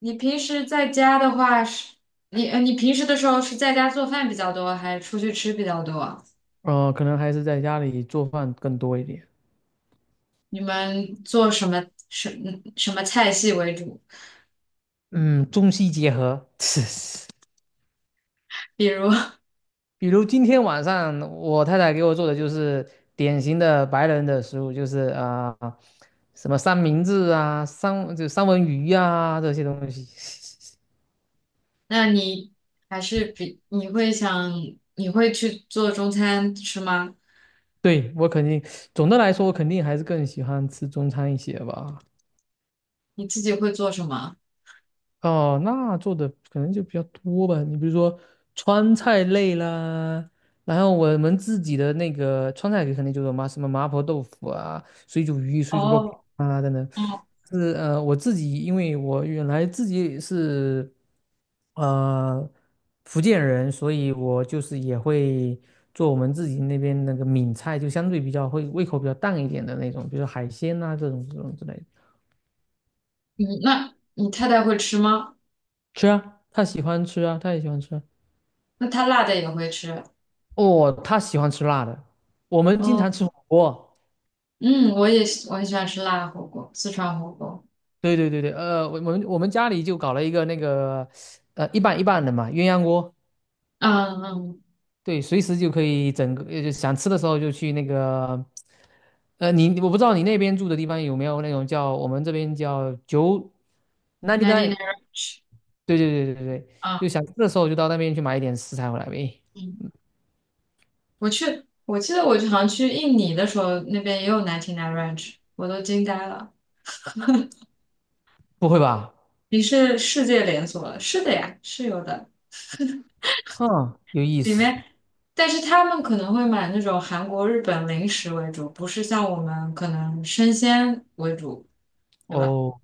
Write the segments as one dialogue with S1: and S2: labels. S1: 你平时在家的话是，你平时的时候是在家做饭比较多，还是出去吃比较多？
S2: 可能还是在家里做饭更多一点。
S1: 你们做什么什什么菜系为主？
S2: 嗯，中西结合。
S1: 比如，
S2: 比如今天晚上我太太给我做的就是典型的白人的食物，就是啊、什么三明治啊、三文鱼啊这些东西。
S1: 那你还是比你会想你会去做中餐吃吗？
S2: 对，我肯定，总的来说，我肯定还是更喜欢吃中餐一些吧。
S1: 你自己会做什么？
S2: 哦，那做的可能就比较多吧。你比如说川菜类啦，然后我们自己的那个川菜肯定就是麻什么麻婆豆腐啊、水煮鱼、水煮肉片。
S1: 哦，嗯，
S2: 是，我自己因为我原来自己是呃福建人，所以我就是也会做我们自己那边那个闽菜，就相对比较会胃口比较淡一点的那种，比如说海鲜啊这种之类的。
S1: 嗯，那你太太会吃吗？
S2: 吃啊，他喜欢吃啊，他也喜欢吃啊。
S1: 那她辣的也会吃。
S2: 哦，他喜欢吃辣的，我们经
S1: 哦，
S2: 常吃火锅。
S1: 嗯，我很喜欢吃辣火锅，四川火锅。
S2: 对对对对，我们家里就搞了一个那个，一半一半的嘛，鸳鸯锅。
S1: 嗯嗯
S2: 对，随时就可以整个，就想吃的时候就去那个，我不知道你那边住的地方有没有那种叫我们这边叫九 n i
S1: n i
S2: n
S1: n e
S2: e
S1: t
S2: 对对对对对，
S1: 啊，
S2: 就想吃的时候就到那边去买一点食材回来呗。
S1: 嗯。我去，我记得我好像去印尼的时候，那边也有 99 Ranch，我都惊呆了。
S2: 不会吧？
S1: 你是世界连锁了？是的呀，是有的。
S2: 哼，有意
S1: 里
S2: 思。
S1: 面，但是他们可能会买那种韩国、日本零食为主，不是像我们可能生鲜为主，对吧？
S2: 哦，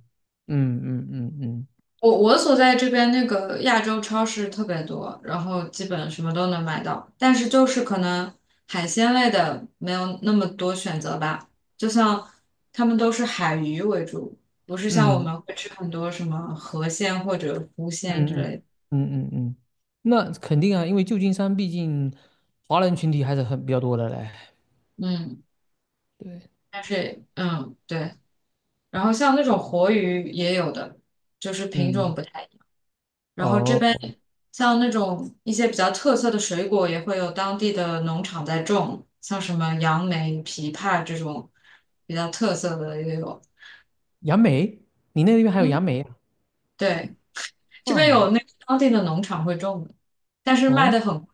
S2: 嗯嗯嗯嗯
S1: 我所在这边那个亚洲超市特别多，然后基本什么都能买到，但是就是可能海鲜类的没有那么多选择吧。就像他们都是海鱼为主，不是像我
S2: 嗯
S1: 们会吃很多什么河鲜或者湖
S2: 嗯
S1: 鲜之类的。
S2: 嗯嗯嗯，嗯，那肯定啊，因为旧金山毕竟华人群体还是很比较多的嘞。
S1: 嗯，但是对，然后像那种活鱼也有的，就是品种
S2: 嗯，
S1: 不太。然后这
S2: 哦，
S1: 边像那种一些比较特色的水果，也会有当地的农场在种，像什么杨梅、枇杷这种比较特色的也有。
S2: 杨梅，你那边还有
S1: 嗯，
S2: 杨梅啊？
S1: 对，这边
S2: 嗯。
S1: 有那个当地的农场会种的，但是卖
S2: 哦
S1: 的很贵。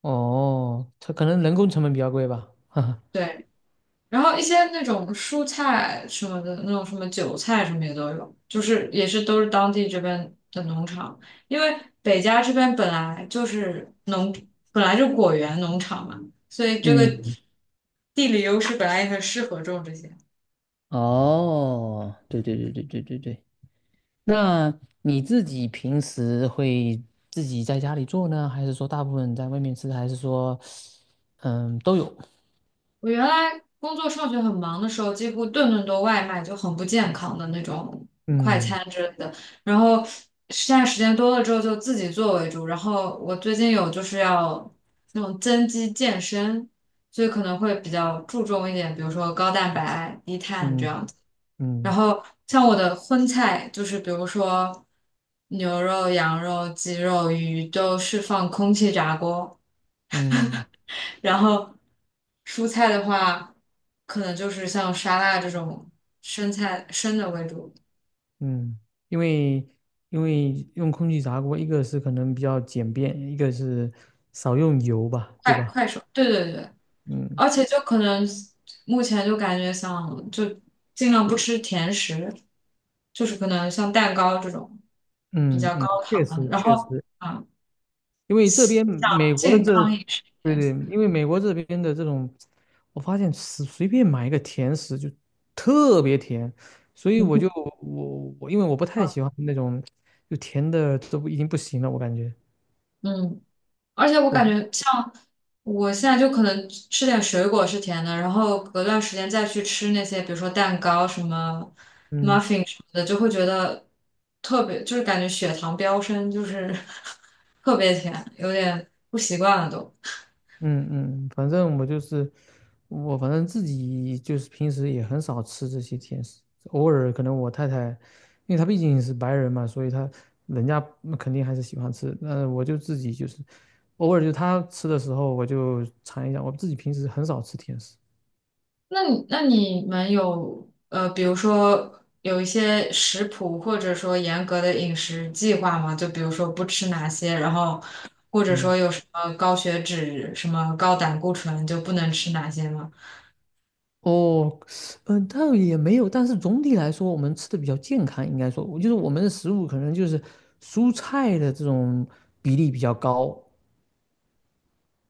S2: 哦，它可能人工成本比较贵吧。哈哈。
S1: 对，然后一些那种蔬菜什么的，那种什么韭菜什么也都有，就是也是都是当地这边的农场，因为北加这边本来就果园农场嘛，所以这个
S2: 嗯。
S1: 地理优势本来也很适合种这些。
S2: 哦，对对对对对对对。那你自己平时会自己在家里做呢，还是说大部分在外面吃，还是说，嗯，都有？
S1: 我原来工作上学很忙的时候，几乎顿顿都外卖，就很不健康的那种快
S2: 嗯
S1: 餐之类的。然后现在时间多了之后，就自己做为主。然后我最近有就是要那种增肌健身，所以可能会比较注重一点，比如说高蛋白、低碳这
S2: 嗯
S1: 样子。然
S2: 嗯
S1: 后像我的荤菜，就是比如说牛肉、羊肉、鸡肉、鱼，都是放空气炸锅。
S2: 嗯
S1: 然后蔬菜的话，可能就是像沙拉这种生菜生的为主，
S2: 嗯，因为因为用空气炸锅，一个是可能比较简便，一个是少用油吧，对
S1: 快
S2: 吧？
S1: 快手，对对对，
S2: 嗯
S1: 而且就可能目前就感觉想就尽量不吃甜食，就是可能像蛋糕这种比
S2: 嗯
S1: 较
S2: 嗯，
S1: 高
S2: 确
S1: 糖的
S2: 实
S1: 然
S2: 确
S1: 后
S2: 实，
S1: 啊，
S2: 因为这
S1: 像
S2: 边美国的
S1: 健
S2: 这，
S1: 康饮食一
S2: 对
S1: 点，
S2: 对，因为美国这边的这种，我发现随便买一个甜食就特别甜，所以我就
S1: 嗯
S2: 我因为我不太喜欢那种就甜的都不已经不行了，我感觉
S1: 嗯。而且我
S2: 我。
S1: 感觉像我现在就可能吃点水果是甜的，然后隔段时间再去吃那些，比如说蛋糕、什么
S2: 嗯。
S1: muffin 什么的，就会觉得特别，就是感觉血糖飙升，就是 特别甜，有点不习惯了都。
S2: 嗯嗯，反正我就是反正自己就是平时也很少吃这些甜食，偶尔可能我太太，因为她毕竟是白人嘛，所以人家肯定还是喜欢吃。那我就自己就是偶尔就她吃的时候，我就尝一下。我自己平时很少吃甜食。
S1: 那你们有比如说有一些食谱或者说严格的饮食计划吗？就比如说不吃哪些，然后或者说
S2: 嗯，
S1: 有什么高血脂、什么高胆固醇就不能吃哪些吗？
S2: 哦，嗯、倒也没有，但是总体来说，我们吃的比较健康，应该说，就是我们的食物可能就是蔬菜的这种比例比较高，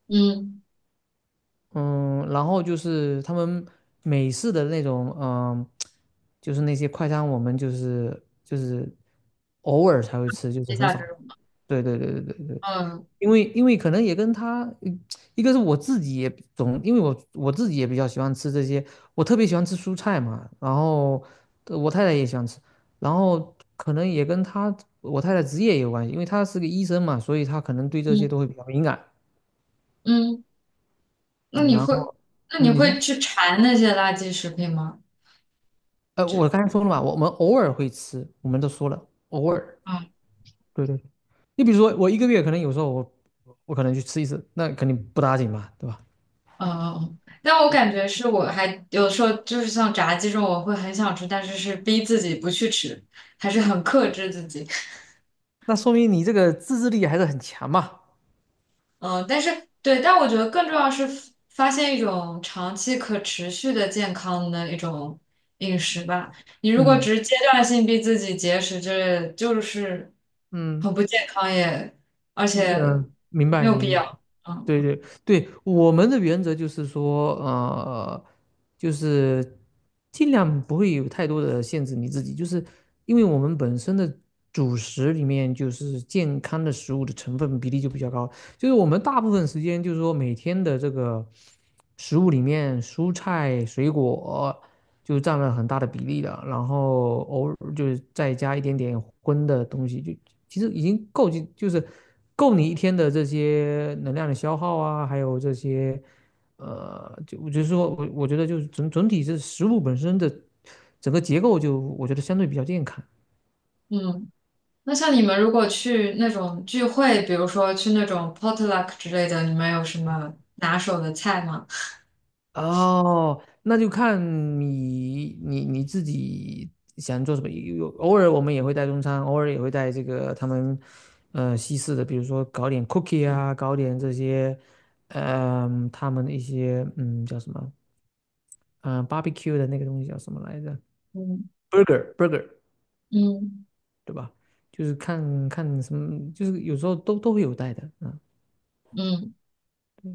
S1: 嗯，
S2: 嗯，然后就是他们美式的那种，嗯，就是那些快餐，我们就是偶尔才会吃，就是
S1: 接
S2: 很
S1: 下这
S2: 少。
S1: 种，
S2: 对对对对对对，
S1: 嗯
S2: 因为可能也跟他，一个是我自己也因为我自己也比较喜欢吃这些，我特别喜欢吃蔬菜嘛，然后我太太也喜欢吃，然后可能也跟我太太职业也有关系，因为她是个医生嘛，所以她可能对这些
S1: 嗯
S2: 都会比较敏感。
S1: 嗯，那
S2: 嗯
S1: 你
S2: 然
S1: 会
S2: 后
S1: 那你
S2: 嗯，你
S1: 会
S2: 说。
S1: 去馋那些垃圾食品吗？
S2: 我刚才说了嘛，我们偶尔会吃，我们都说了，偶尔。
S1: 嗯
S2: 对对。你比如说，我一个月可能有时候我可能去吃一次，那肯定不打紧嘛，对吧？
S1: 嗯嗯，但我感觉是我还有时候就是像炸鸡这种，我会很想吃，但是是逼自己不去吃，还是很克制自己。
S2: 那说明你这个自制力还是很强嘛。
S1: 嗯，但是对，但我觉得更重要是发现一种长期可持续的健康的一种饮食吧。你如果
S2: 嗯
S1: 只是阶段性逼自己节食之类就是
S2: 嗯，
S1: 很不健康也，而且
S2: 明
S1: 没
S2: 白
S1: 有必
S2: 明白。
S1: 要。嗯
S2: 对对对，我们的原则就是说，就是尽量不会有太多的限制你自己，就是因为我们本身的主食里面就是健康的食物的成分比例就比较高，就是我们大部分时间，就是说每天的这个食物里面，蔬菜、水果就占了很大的比例了，然后偶尔就是再加一点点荤的东西，就其实已经够就就是够你一天的这些能量的消耗啊，还有这些就我就是说我觉得就是整体这食物本身的整个结构就我觉得相对比较健康。
S1: 嗯，那像你们如果去那种聚会，比如说去那种 potluck 之类的，你们有什么拿手的菜吗？
S2: 哦，那就看你自己想做什么。有偶尔我们也会带中餐，偶尔也会带这个他们西式的，比如说搞点 cookie 啊，搞点这些，嗯、他们的一些叫什么，嗯、barbecue 的那个东西叫什么来着
S1: 嗯
S2: ？burger burger
S1: 嗯
S2: 对吧？就是看看什么，就是有时候都会有带的啊，嗯，
S1: 嗯。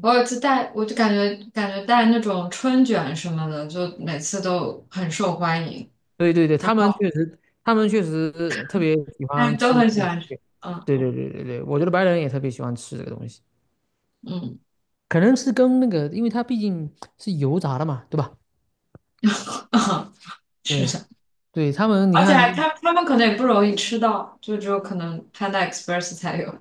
S1: 我有一次带，我就感觉带那种春卷什么的，就每次都很受欢迎，
S2: 对对对，
S1: 然
S2: 他们
S1: 后
S2: 确实，他们确实特别喜
S1: 大
S2: 欢
S1: 家都
S2: 吃
S1: 很喜
S2: 这个。
S1: 欢吃。嗯
S2: 对对对对对，我觉得白人也特别喜欢吃这个东西，
S1: 嗯
S2: 可能是跟那个，因为它毕竟是油炸的嘛，对吧？
S1: 是
S2: 对
S1: 的，
S2: 对，他们你
S1: 而且
S2: 看，
S1: 还他们可能也不容易吃到，就只有可能 Panda Express 才有。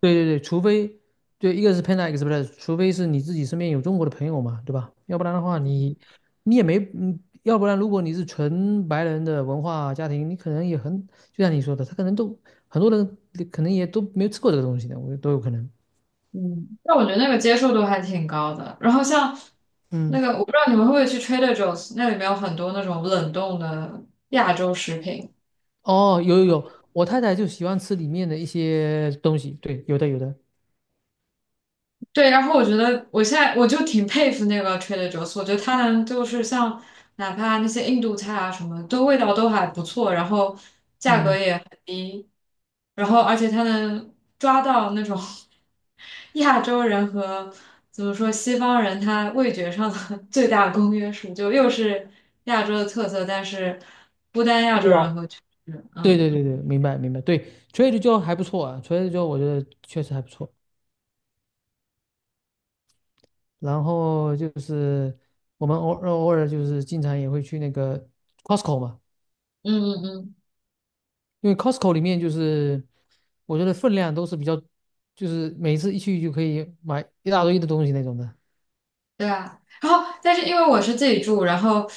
S2: 对对对，除非对一个是 Panda,一个是除非是你自己身边有中国的朋友嘛，对吧？要不然的话你，你也没，要不然如果你是纯白人的文化家庭，你可能也很，就像你说的，他可能都很多人可能也都没有吃过这个东西的，我觉得都有可能。
S1: 嗯，但我觉得那个接受度还挺高的。然后像那
S2: 嗯。
S1: 个，我不知道你们会不会去 Trader Joe's，那里面有很多那种冷冻的亚洲食品。
S2: 哦，有有有，我太太就喜欢吃里面的一些东西，对，有的有的，
S1: 对，然后我觉得我现在我就挺佩服那个 Trader Joe's，我觉得他能就是像哪怕那些印度菜啊什么，都味道都还不错，然后价格
S2: 嗯，
S1: 也很低，然后而且他能抓到那种 亚洲人和怎么说西方人他味觉上的 最大公约数，就又是亚洲的特色，但是不单亚
S2: 味
S1: 洲人
S2: 道，
S1: 和就是
S2: 对
S1: 嗯
S2: 对对对，明白明白，对，Trader Joe 还不错啊，Trader Joe 我觉得确实还不错。然后就是我们偶尔偶尔就是经常也会去那个 Costco 嘛，
S1: 嗯嗯嗯。
S2: 因为 Costco 里面就是我觉得分量都是比较，就是每次一去就可以买一大堆的东西那种的。
S1: 对啊，然后但是因为我是自己住，然后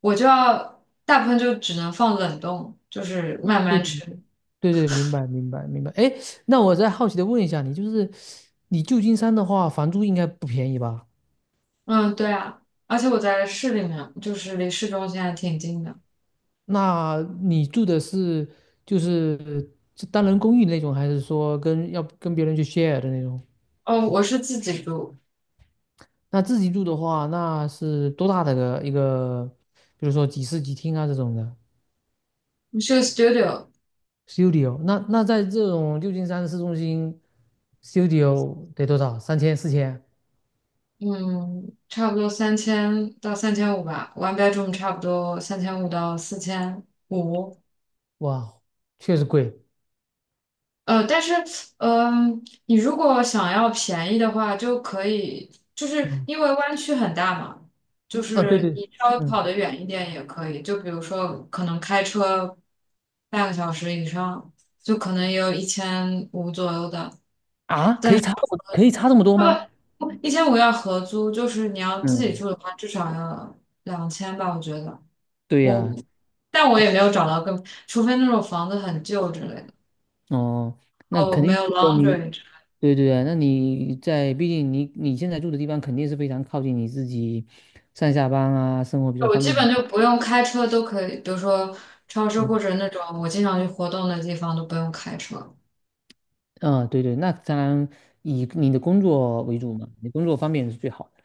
S1: 我就要大部分就只能放冷冻，就是慢
S2: 对
S1: 慢吃。
S2: 对对，明白明白明白。哎，那我再好奇的问一下你，就是你旧金山的话，房租应该不便宜吧？
S1: 嗯，对啊，而且我在市里面，就是离市中心还挺近的。
S2: 那你住的是就是是单人公寓那种，还是说要跟别人去 share 的那种？
S1: 哦，我是自己住，
S2: 那自己住的话，那是多大的一个，比如说几室几厅啊这种的
S1: 是个 studio，
S2: studio？那在这种旧金山市中心 studio 得多少？30004000？
S1: 嗯，差不多三千到三千五吧，one bedroom 差不多三千五到4500。
S2: 哇，确实贵。
S1: 但是，你如果想要便宜的话，就可以，就是
S2: 嗯，
S1: 因为湾区很大嘛，就
S2: 啊，对
S1: 是
S2: 对。
S1: 你稍微
S2: 嗯。
S1: 跑得远一点也可以，就比如说可能开车半个小时以上，就可能也有一千五左右的，
S2: 啊，
S1: 但是
S2: 可以差这么多
S1: 不
S2: 吗？
S1: 不，一千五要合租，就是你要自己
S2: 嗯，
S1: 住的话，至少要2000吧，我觉得
S2: 对呀，
S1: 我，但我也没有找到更，除非那种房子很旧之类的，
S2: 哦，那
S1: 哦，
S2: 肯
S1: 没
S2: 定，
S1: 有
S2: 如果你，
S1: laundry。
S2: 对对啊，那你在，毕竟你现在住的地方肯定是非常靠近你自己上下班啊，生活比较
S1: 我
S2: 方
S1: 基
S2: 便。
S1: 本就不用开车都可以，比如说超市或
S2: 嗯，
S1: 者那种我经常去活动的地方都不用开车。
S2: 啊，对对，那当然以你的工作为主嘛，你工作方便是最好的，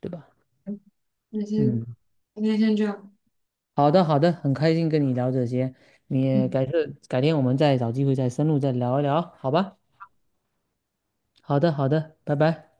S2: 对吧？
S1: 那天
S2: 嗯，
S1: 那天先这样，
S2: 好的好的，很开心跟你聊这些，你也
S1: 嗯。
S2: 改天我们再找机会再深入再聊一聊，好吧？好的好的，拜拜。